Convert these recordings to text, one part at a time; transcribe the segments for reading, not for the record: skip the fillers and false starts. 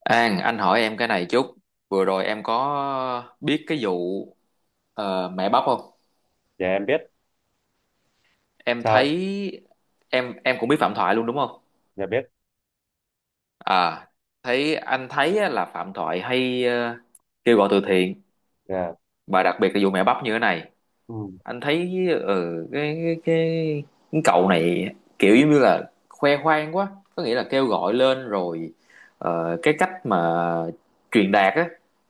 An, anh hỏi em cái này chút. Vừa rồi em có biết cái vụ mẹ bắp không? Dạ em biết. Em Sao thấy anh? em cũng biết Phạm Thoại luôn đúng không? Dạ biết. À, thấy anh thấy á, là Phạm Thoại hay kêu gọi từ thiện Dạ. và đặc biệt là vụ mẹ bắp như thế này. Ừ. Anh thấy cái cái cậu này kiểu giống như là khoe khoang quá, có nghĩa là kêu gọi lên rồi, cái cách mà truyền đạt á,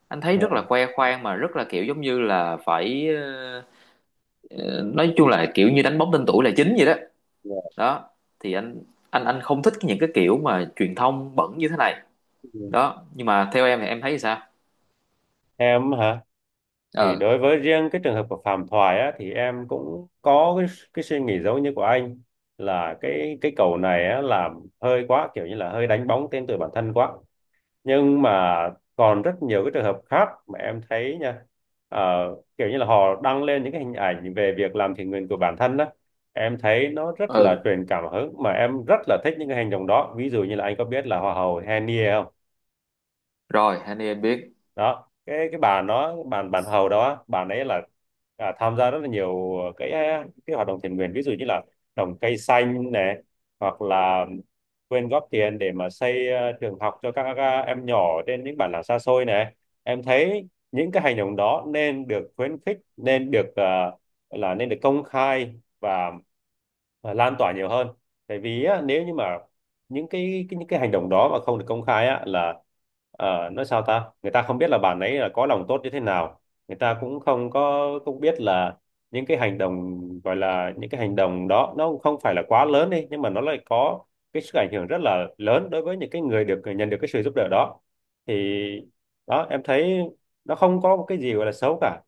anh thấy rất là Dạ. khoe khoang mà rất là kiểu giống như là phải Ờ, nói chung là kiểu như đánh bóng tên tuổi là chính vậy đó Dạ. đó. Thì anh anh không thích những cái kiểu mà truyền thông bẩn như thế này Ừ. đó. Nhưng mà theo em thì em thấy sao? Em hả? Thì Ờ, đối với riêng cái trường hợp của Phạm Thoại á, thì em cũng có cái suy nghĩ giống như của anh, là cái cầu này á làm hơi quá, kiểu như là hơi đánh bóng tên tuổi bản thân quá, nhưng mà còn rất nhiều cái trường hợp khác mà em thấy nha. Ờ, Kiểu như là họ đăng lên những cái hình ảnh về việc làm thiện nguyện của bản thân đó, em thấy nó rất là ừ, truyền cảm hứng, mà em rất là thích những cái hành động đó. Ví dụ như là anh có biết là hoa hậu Henny không? rồi Hania em biết. Đó, cái bà nó bàn bàn hầu đó, bà ấy là tham gia rất là nhiều cái hoạt động thiện nguyện, ví dụ như là trồng cây xanh này, hoặc là quyên góp tiền để mà xây trường học cho các em nhỏ trên những bản làng xa xôi này. Em thấy những cái hành động đó nên được khuyến khích, nên được là nên được công khai và lan tỏa nhiều hơn. Tại vì á, nếu như mà những cái những cái hành động đó mà không được công khai á, là nói sao ta, người ta không biết là bạn ấy là có lòng tốt như thế nào. Người ta cũng không có không biết là những cái hành động, gọi là những cái hành động đó nó cũng không phải là quá lớn đi, nhưng mà nó lại có cái sức ảnh hưởng rất là lớn đối với những cái người được nhận được cái sự giúp đỡ đó. Thì đó em thấy nó không có một cái gì gọi là xấu cả.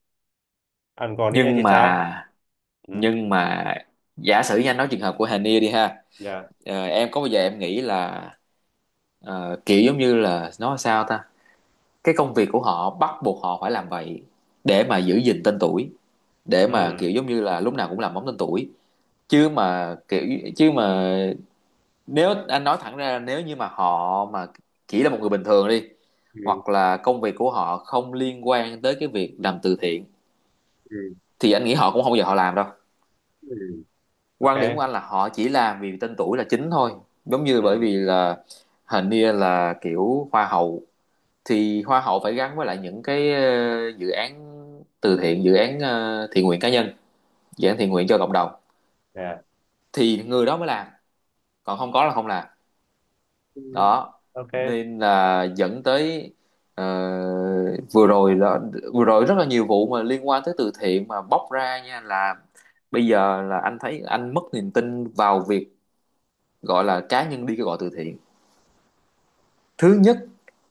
Anh còn đi thì Nhưng sao? mà, Ừ. nhưng mà giả sử như anh nói trường hợp của Hania đi ha. Dạ. Em có bao giờ em nghĩ là kiểu giống như là nói sao ta, cái công việc của họ bắt buộc họ phải làm vậy để mà giữ gìn tên tuổi, để Ừ. mà kiểu giống như là lúc nào cũng làm bóng tên tuổi. Chứ mà kiểu chứ mà nếu anh nói thẳng ra là nếu như mà họ mà chỉ là một người bình thường đi, Ừ, hoặc là công việc của họ không liên quan tới cái việc làm từ thiện, ừ, thì anh nghĩ họ cũng không bao giờ họ làm đâu. ừ. Quan điểm của Okay. anh là họ chỉ làm vì tên tuổi là chính thôi, giống như bởi Ừ. vì là hình như là kiểu hoa hậu thì hoa hậu phải gắn với lại những cái dự án từ thiện, dự án thiện nguyện cá nhân, dự án thiện nguyện cho cộng đồng Yeah. thì người đó mới làm, còn không có là không làm Ừ. đó. Ok. Nên là dẫn tới ờ, vừa rồi đó, vừa rồi rất là nhiều vụ mà liên quan tới từ thiện mà bóc ra nha. Là bây giờ là anh thấy anh mất niềm tin vào việc gọi là cá nhân đi kêu gọi từ thiện. Thứ nhất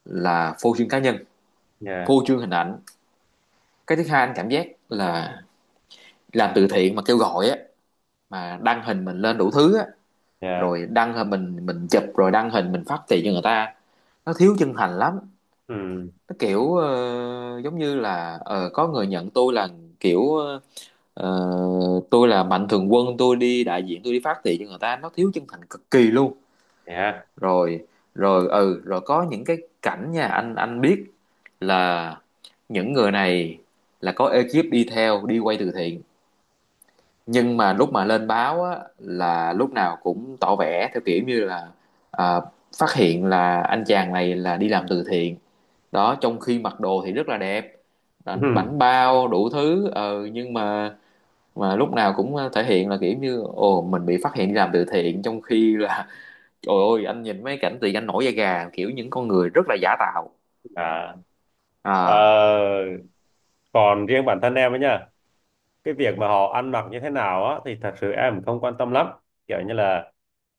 là phô trương cá nhân, Yeah, phô trương hình ảnh. Cái thứ hai anh cảm giác là làm từ thiện mà kêu gọi á, mà đăng hình mình lên đủ thứ á, yeah. rồi đăng hình mình chụp rồi đăng hình mình phát tiền cho người ta, nó thiếu chân thành lắm. Ừ. Nó kiểu giống như là có người nhận tôi là kiểu ờ, tôi là mạnh thường quân, tôi đi đại diện, tôi đi phát thị cho người ta, nó thiếu chân thành cực kỳ luôn. Yeah. Rồi rồi ừ rồi có những cái cảnh nha, anh biết là những người này là có ekip đi theo đi quay từ thiện, nhưng mà lúc mà lên báo á, là lúc nào cũng tỏ vẻ theo kiểu như là à, phát hiện là anh chàng này là đi làm từ thiện đó, trong khi mặc đồ thì rất là đẹp, à, Ừ. bảnh bao đủ thứ, nhưng mà lúc nào cũng thể hiện là kiểu như ồ mình bị phát hiện đi làm từ thiện, trong khi là trời ơi anh nhìn mấy cảnh thì anh nổi da gà, kiểu những con người rất là giả tạo. À. À, ờ Còn riêng bản thân em ấy nhá, cái việc mà họ ăn mặc như thế nào á thì thật sự em không quan tâm lắm. Kiểu như là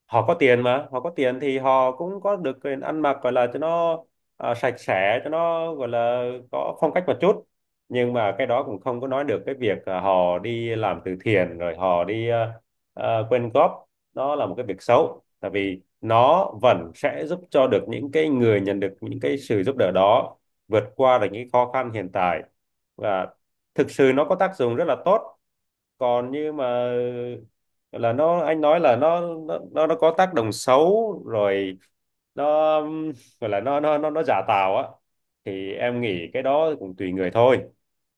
họ có tiền, mà họ có tiền thì họ cũng có được quyền ăn mặc, gọi là cho nó sạch sẽ, cho nó gọi là có phong cách một chút. Nhưng mà cái đó cũng không có nói được cái việc họ đi làm từ thiện rồi họ đi quyên góp nó là một cái việc xấu, tại vì nó vẫn sẽ giúp cho được những cái người nhận được những cái sự giúp đỡ đó vượt qua được những khó khăn hiện tại, và thực sự nó có tác dụng rất là tốt. Còn như mà là nó anh nói là nó nó có tác động xấu rồi, nó gọi là nó giả tạo á, thì em nghĩ cái đó cũng tùy người thôi,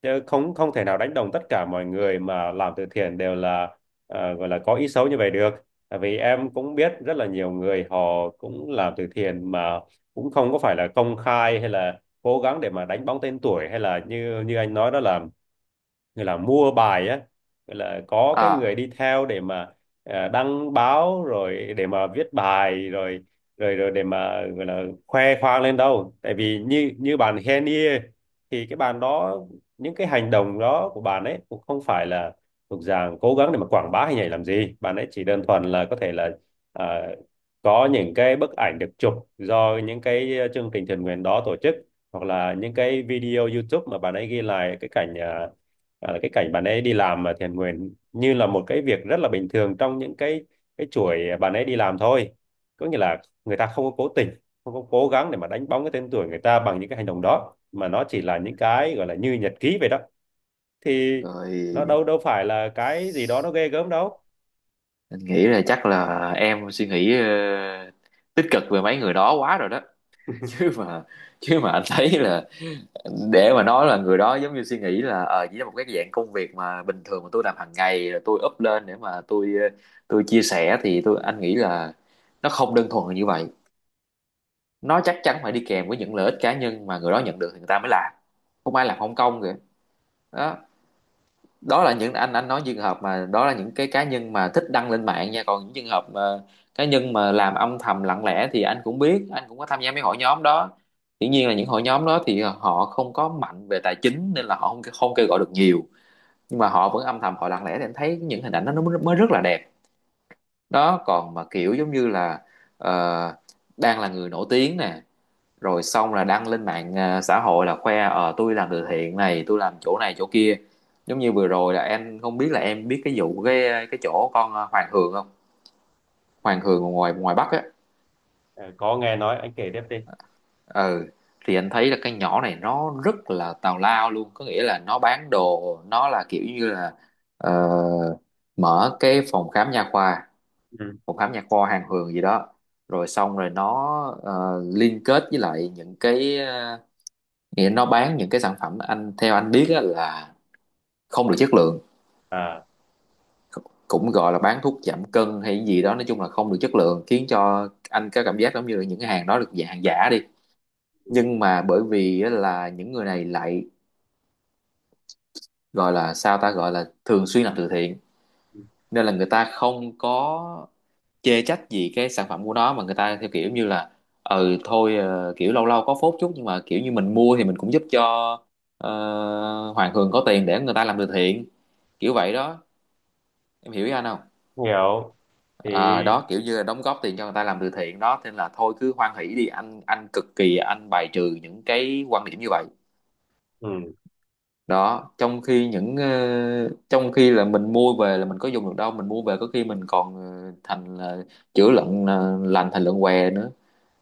chứ không không thể nào đánh đồng tất cả mọi người mà làm từ thiện đều là gọi là có ý xấu như vậy được. Tại vì em cũng biết rất là nhiều người họ cũng làm từ thiện mà cũng không có phải là công khai, hay là cố gắng để mà đánh bóng tên tuổi, hay là như như anh nói đó là người là mua bài á, gọi là có cái người à, đi theo để mà đăng báo rồi để mà viết bài rồi rồi rồi để mà gọi là khoe khoang lên đâu. Tại vì như như bạn Henny thì cái bạn đó, những cái hành động đó của bạn ấy cũng không phải là thuộc dạng cố gắng để mà quảng bá hình ảnh làm gì. Bạn ấy chỉ đơn thuần là có thể là ờ, có những cái bức ảnh được chụp do những cái chương trình thiện nguyện đó tổ chức, hoặc là những cái video YouTube mà bạn ấy ghi lại cái cảnh là cái cảnh bạn ấy đi làm mà thiện nguyện như là một cái việc rất là bình thường trong những cái chuỗi bạn ấy đi làm thôi. Có nghĩa là người ta không có cố tình, không có cố gắng để mà đánh bóng cái tên tuổi người ta bằng những cái hành động đó, mà nó chỉ là những cái gọi là như nhật ký vậy đó. Thì nó rồi đâu đâu phải là cái gì đó nó ghê gớm đâu. anh nghĩ là chắc là em suy nghĩ tích cực về mấy người đó quá rồi đó. chứ mà chứ mà anh thấy là để mà nói là người đó giống như suy nghĩ là ờ chỉ là một cái dạng công việc mà bình thường mà tôi làm hàng ngày rồi tôi up lên để mà tôi tôi chia sẻ thì anh nghĩ là nó không đơn thuần là như vậy. Nó chắc chắn phải đi kèm với những lợi ích cá nhân mà người đó nhận được thì người ta mới làm, không ai làm không công kìa. Đó, đó là những, anh nói trường hợp mà đó là những cái cá nhân mà thích đăng lên mạng nha, còn những trường hợp mà cá nhân mà làm âm thầm lặng lẽ thì anh cũng biết, anh cũng có tham gia mấy hội nhóm đó. Dĩ nhiên là những hội nhóm đó thì họ không có mạnh về tài chính nên là họ không không kêu gọi được nhiều, nhưng mà họ vẫn âm thầm họ lặng lẽ để anh thấy những hình ảnh đó nó mới mới rất là đẹp. Đó, còn mà kiểu giống như là ờ, đang là người nổi tiếng nè, rồi xong là đăng lên mạng à, xã hội là khoe ờ tôi làm từ thiện này, tôi làm chỗ này chỗ kia. Giống như vừa rồi là em không biết là em biết cái vụ cái chỗ con à, Hoàng Hường không? Hoàng Hường ngoài ngoài Bắc á. À, có nghe nói. Anh kể tiếp đi. Ừ, thì anh thấy là cái nhỏ này nó rất là tào lao luôn. Có nghĩa là nó bán đồ, nó là kiểu như là ờ, mở cái phòng khám nha khoa, Ừ. phòng khám nha khoa Hoàng Hường gì đó, rồi xong rồi nó liên kết với lại những cái à, nghĩa nó bán những cái sản phẩm anh theo anh biết á, là không được chất lượng, À. cũng gọi là bán thuốc giảm cân hay gì đó, nói chung là không được chất lượng, khiến cho anh có cảm giác giống như là những cái hàng đó được dạng hàng giả đi. Ừ. Nhưng mà bởi vì á, là những người này lại gọi là sao ta, gọi là thường xuyên làm từ thiện, nên là người ta không có chê trách gì cái sản phẩm của nó, mà người ta theo kiểu như là ừ thôi kiểu lâu lâu có phốt chút nhưng mà kiểu như mình mua thì mình cũng giúp cho ờ, Hoàng Hường có tiền để người ta làm từ thiện, kiểu vậy đó. Em hiểu ý anh không? Hiểu. Thì À, đó kiểu như là đóng góp tiền cho người ta làm từ thiện đó, nên là thôi cứ hoan hỷ đi, anh cực kỳ anh bài trừ những cái quan điểm như vậy. ừ. Đó, trong khi những trong khi là mình mua về là mình có dùng được đâu, mình mua về có khi mình còn thành là chữa lợn lành thành lợn què nữa.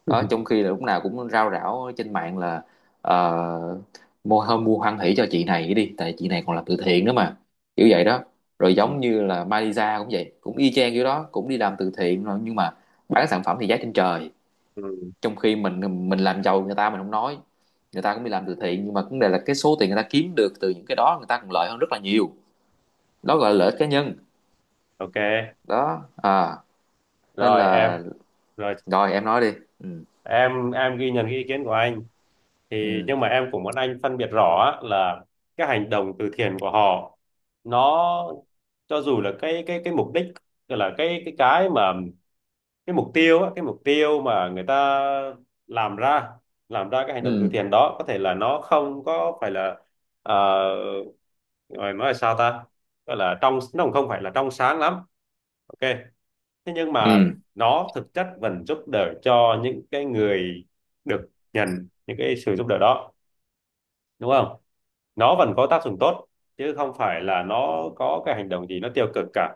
Đó, trong khi là lúc nào cũng rao rảo trên mạng là ờ, mua hơn mua hoan hỷ cho chị này đi, tại chị này còn làm từ thiện nữa mà, kiểu vậy đó. Rồi giống như là Malaysia cũng vậy, cũng y chang kiểu đó, cũng đi làm từ thiện rồi, nhưng mà bán sản phẩm thì giá trên trời, Ừ. trong khi mình làm giàu người ta mình không nói, người ta cũng đi làm từ thiện, nhưng mà vấn đề là cái số tiền người ta kiếm được từ những cái đó người ta còn lợi hơn rất là nhiều. Đó gọi là lợi ích cá nhân. Ok. Đó, à, nên Rồi, là, rồi rồi em nói đi. ừ em em ghi nhận cái ý kiến của anh. Thì ừ nhưng mà em cũng muốn anh phân biệt rõ á, là cái hành động từ thiện của họ nó, cho dù là cái mục đích, tức là cái mục tiêu á, cái mục tiêu mà người ta làm ra làm ra cái hành động từ ừ thiện đó có thể là nó không có phải là ờ, rồi nói là sao ta, gọi là trong, nó cũng không phải là trong sáng lắm. Ok, thế nhưng mà nó thực chất vẫn giúp đỡ cho những cái người được nhận những cái sự giúp đỡ đó, đúng không? Nó vẫn có tác dụng tốt, chứ không phải là nó có cái hành động gì nó tiêu cực cả.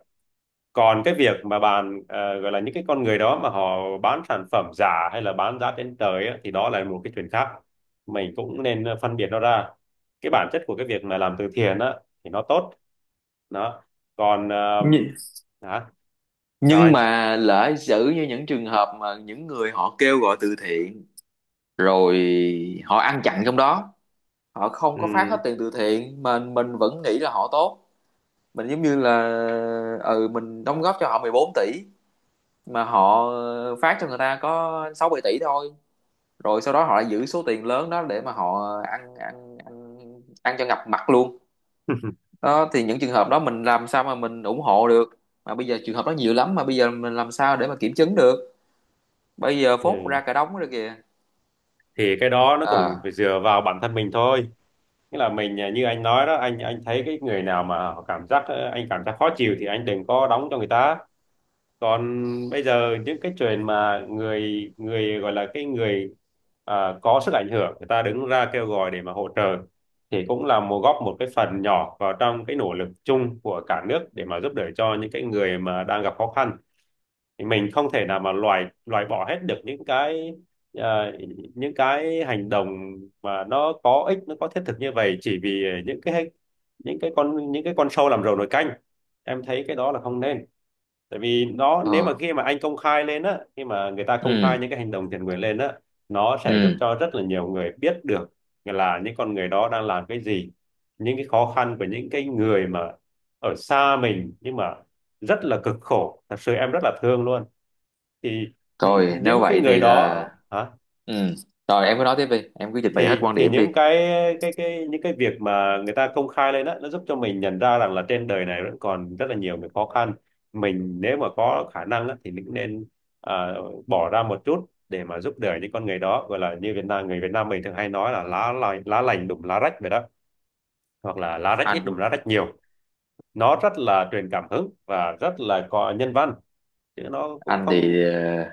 Còn cái việc mà bạn gọi là những cái con người đó mà họ bán sản phẩm giả, hay là bán giá trên trời á, thì đó là một cái chuyện khác. Mình cũng nên phân biệt nó ra, cái bản chất của cái việc mà làm từ thiện á thì nó tốt. Đó. Còn ừ hả? Sao nhưng anh? mà lỡ xử như những trường hợp mà những người họ kêu gọi từ thiện rồi họ ăn chặn trong đó, họ không Ừ. có phát hết tiền từ thiện mà mình vẫn nghĩ là họ tốt. Mình giống như là ừ mình đóng góp cho họ 14 tỷ mà họ phát cho người ta có 6 7 tỷ thôi, rồi sau đó họ lại giữ số tiền lớn đó để mà họ ăn ăn cho ngập mặt luôn. Đó thì những trường hợp đó mình làm sao mà mình ủng hộ được? Mà bây giờ trường hợp đó nhiều lắm, mà bây giờ mình làm sao để mà kiểm chứng được? Bây giờ phốt Ừ. ra cả đống rồi kìa. Thì cái đó nó cũng ờ phải dựa vào bản thân mình thôi, nghĩa là mình như anh nói đó, anh thấy cái người nào mà họ cảm giác anh cảm giác khó chịu thì anh đừng có đóng cho người ta. Còn bây giờ những cái chuyện mà người người gọi là cái người có sức ảnh hưởng, người ta đứng ra kêu gọi để mà hỗ trợ, thì cũng là góp một cái phần nhỏ vào trong cái nỗ lực chung của cả nước để mà giúp đỡ cho những cái người mà đang gặp khó khăn. Thì mình không thể nào mà loại loại bỏ hết được những cái ờ, những cái hành động mà nó có ích, nó có thiết thực như vậy chỉ vì những cái con sâu làm rầu nồi canh. Em thấy cái đó là không nên. Tại vì nó, nếu mà ờ khi mà anh công khai lên á, khi mà người ta công khai ừ những cái hành động thiện nguyện lên á, nó sẽ giúp ừ cho rất là nhiều người biết được là những con người đó đang làm cái gì, những cái khó khăn của những cái người mà ở xa mình nhưng mà rất là cực khổ, thật sự em rất là thương luôn. Thì Rồi nếu những cái vậy người thì đó. là, Hả? ừ rồi em cứ nói tiếp đi, em cứ trình bày hết thì quan thì điểm đi. những cái những cái việc mà người ta công khai lên đó, nó giúp cho mình nhận ra rằng là trên đời này vẫn còn rất là nhiều cái khó khăn. Mình nếu mà có khả năng á, thì mình cũng nên à, bỏ ra một chút để mà giúp đỡ những con người đó, gọi là như Việt Nam, người Việt Nam mình thường hay nói là lá lành đùm lá rách vậy đó, hoặc là lá rách ít đùm anh lá rách nhiều. Nó rất là truyền cảm hứng và rất là có nhân văn, chứ nó cũng anh không. thì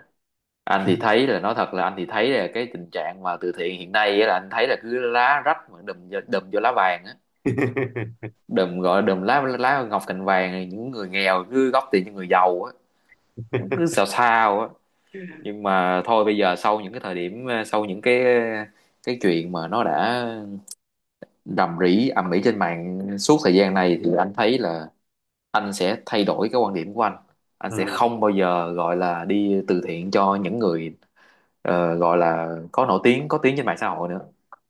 anh thì thấy là, nói thật là anh thì thấy là cái tình trạng mà từ thiện hiện nay á, là anh thấy là cứ lá rách mà đùm vô lá vàng á, đùm gọi là đùm lá lá ngọc cành vàng này, những người nghèo cứ góp tiền cho người giàu á, cứ sao sao á. Nhưng mà thôi, bây giờ sau những cái thời điểm sau những cái chuyện mà nó đã rầm rĩ ầm ĩ trên mạng suốt thời gian này thì anh thấy là anh sẽ thay đổi cái quan điểm của anh. Anh sẽ Ừ, không bao giờ gọi là đi từ thiện cho những người gọi là có nổi tiếng có tiếng trên mạng xã hội nữa.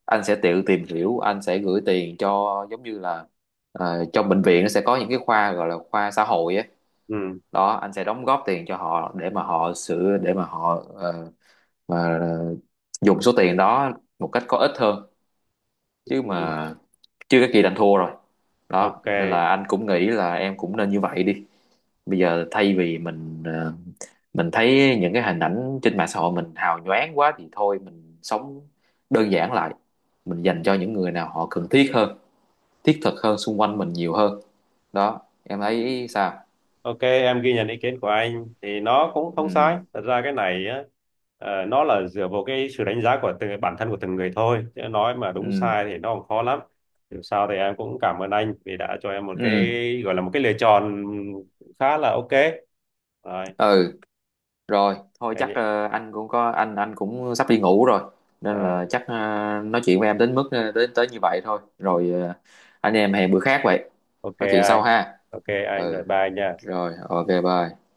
Anh sẽ tự tìm hiểu, anh sẽ gửi tiền cho giống như là trong bệnh viện nó sẽ có những cái khoa gọi là khoa xã hội ấy. ừ, Đó, anh sẽ đóng góp tiền cho họ để mà họ sửa, để mà họ mà ờ, dùng số tiền đó một cách có ích hơn. Chứ ừ. mà chưa cái kỳ đành thua rồi. Ok. Đó, nên là anh cũng nghĩ là em cũng nên như vậy đi. Bây giờ thay vì mình mình thấy những cái hình ảnh trên mạng xã hội mình hào nhoáng quá thì thôi mình sống đơn giản lại, mình dành cho những người nào họ cần thiết hơn, thiết thực hơn, xung quanh mình nhiều hơn. Đó, em thấy sao? Ok, em ghi nhận ý kiến của anh thì nó cũng không ừ sai. Thật ra cái này á, nó là dựa vào cái sự đánh giá của từng bản thân, của từng người thôi. Chứ nói mà đúng ừ sai thì nó còn khó lắm. Dù sao thì em cũng cảm ơn anh vì đã cho em một ừ ừ cái gọi là một cái lựa chọn khá là ok. Rồi, ừ. Rồi, thôi chắc anh, anh cũng có anh cũng sắp đi ngủ rồi. Nên là chắc nói chuyện với em đến mức đến tới như vậy thôi. Rồi anh em hẹn bữa khác vậy. ok Nói chuyện sau anh, ha. ok anh, rồi Ừ, bye nha. rồi, ok bye.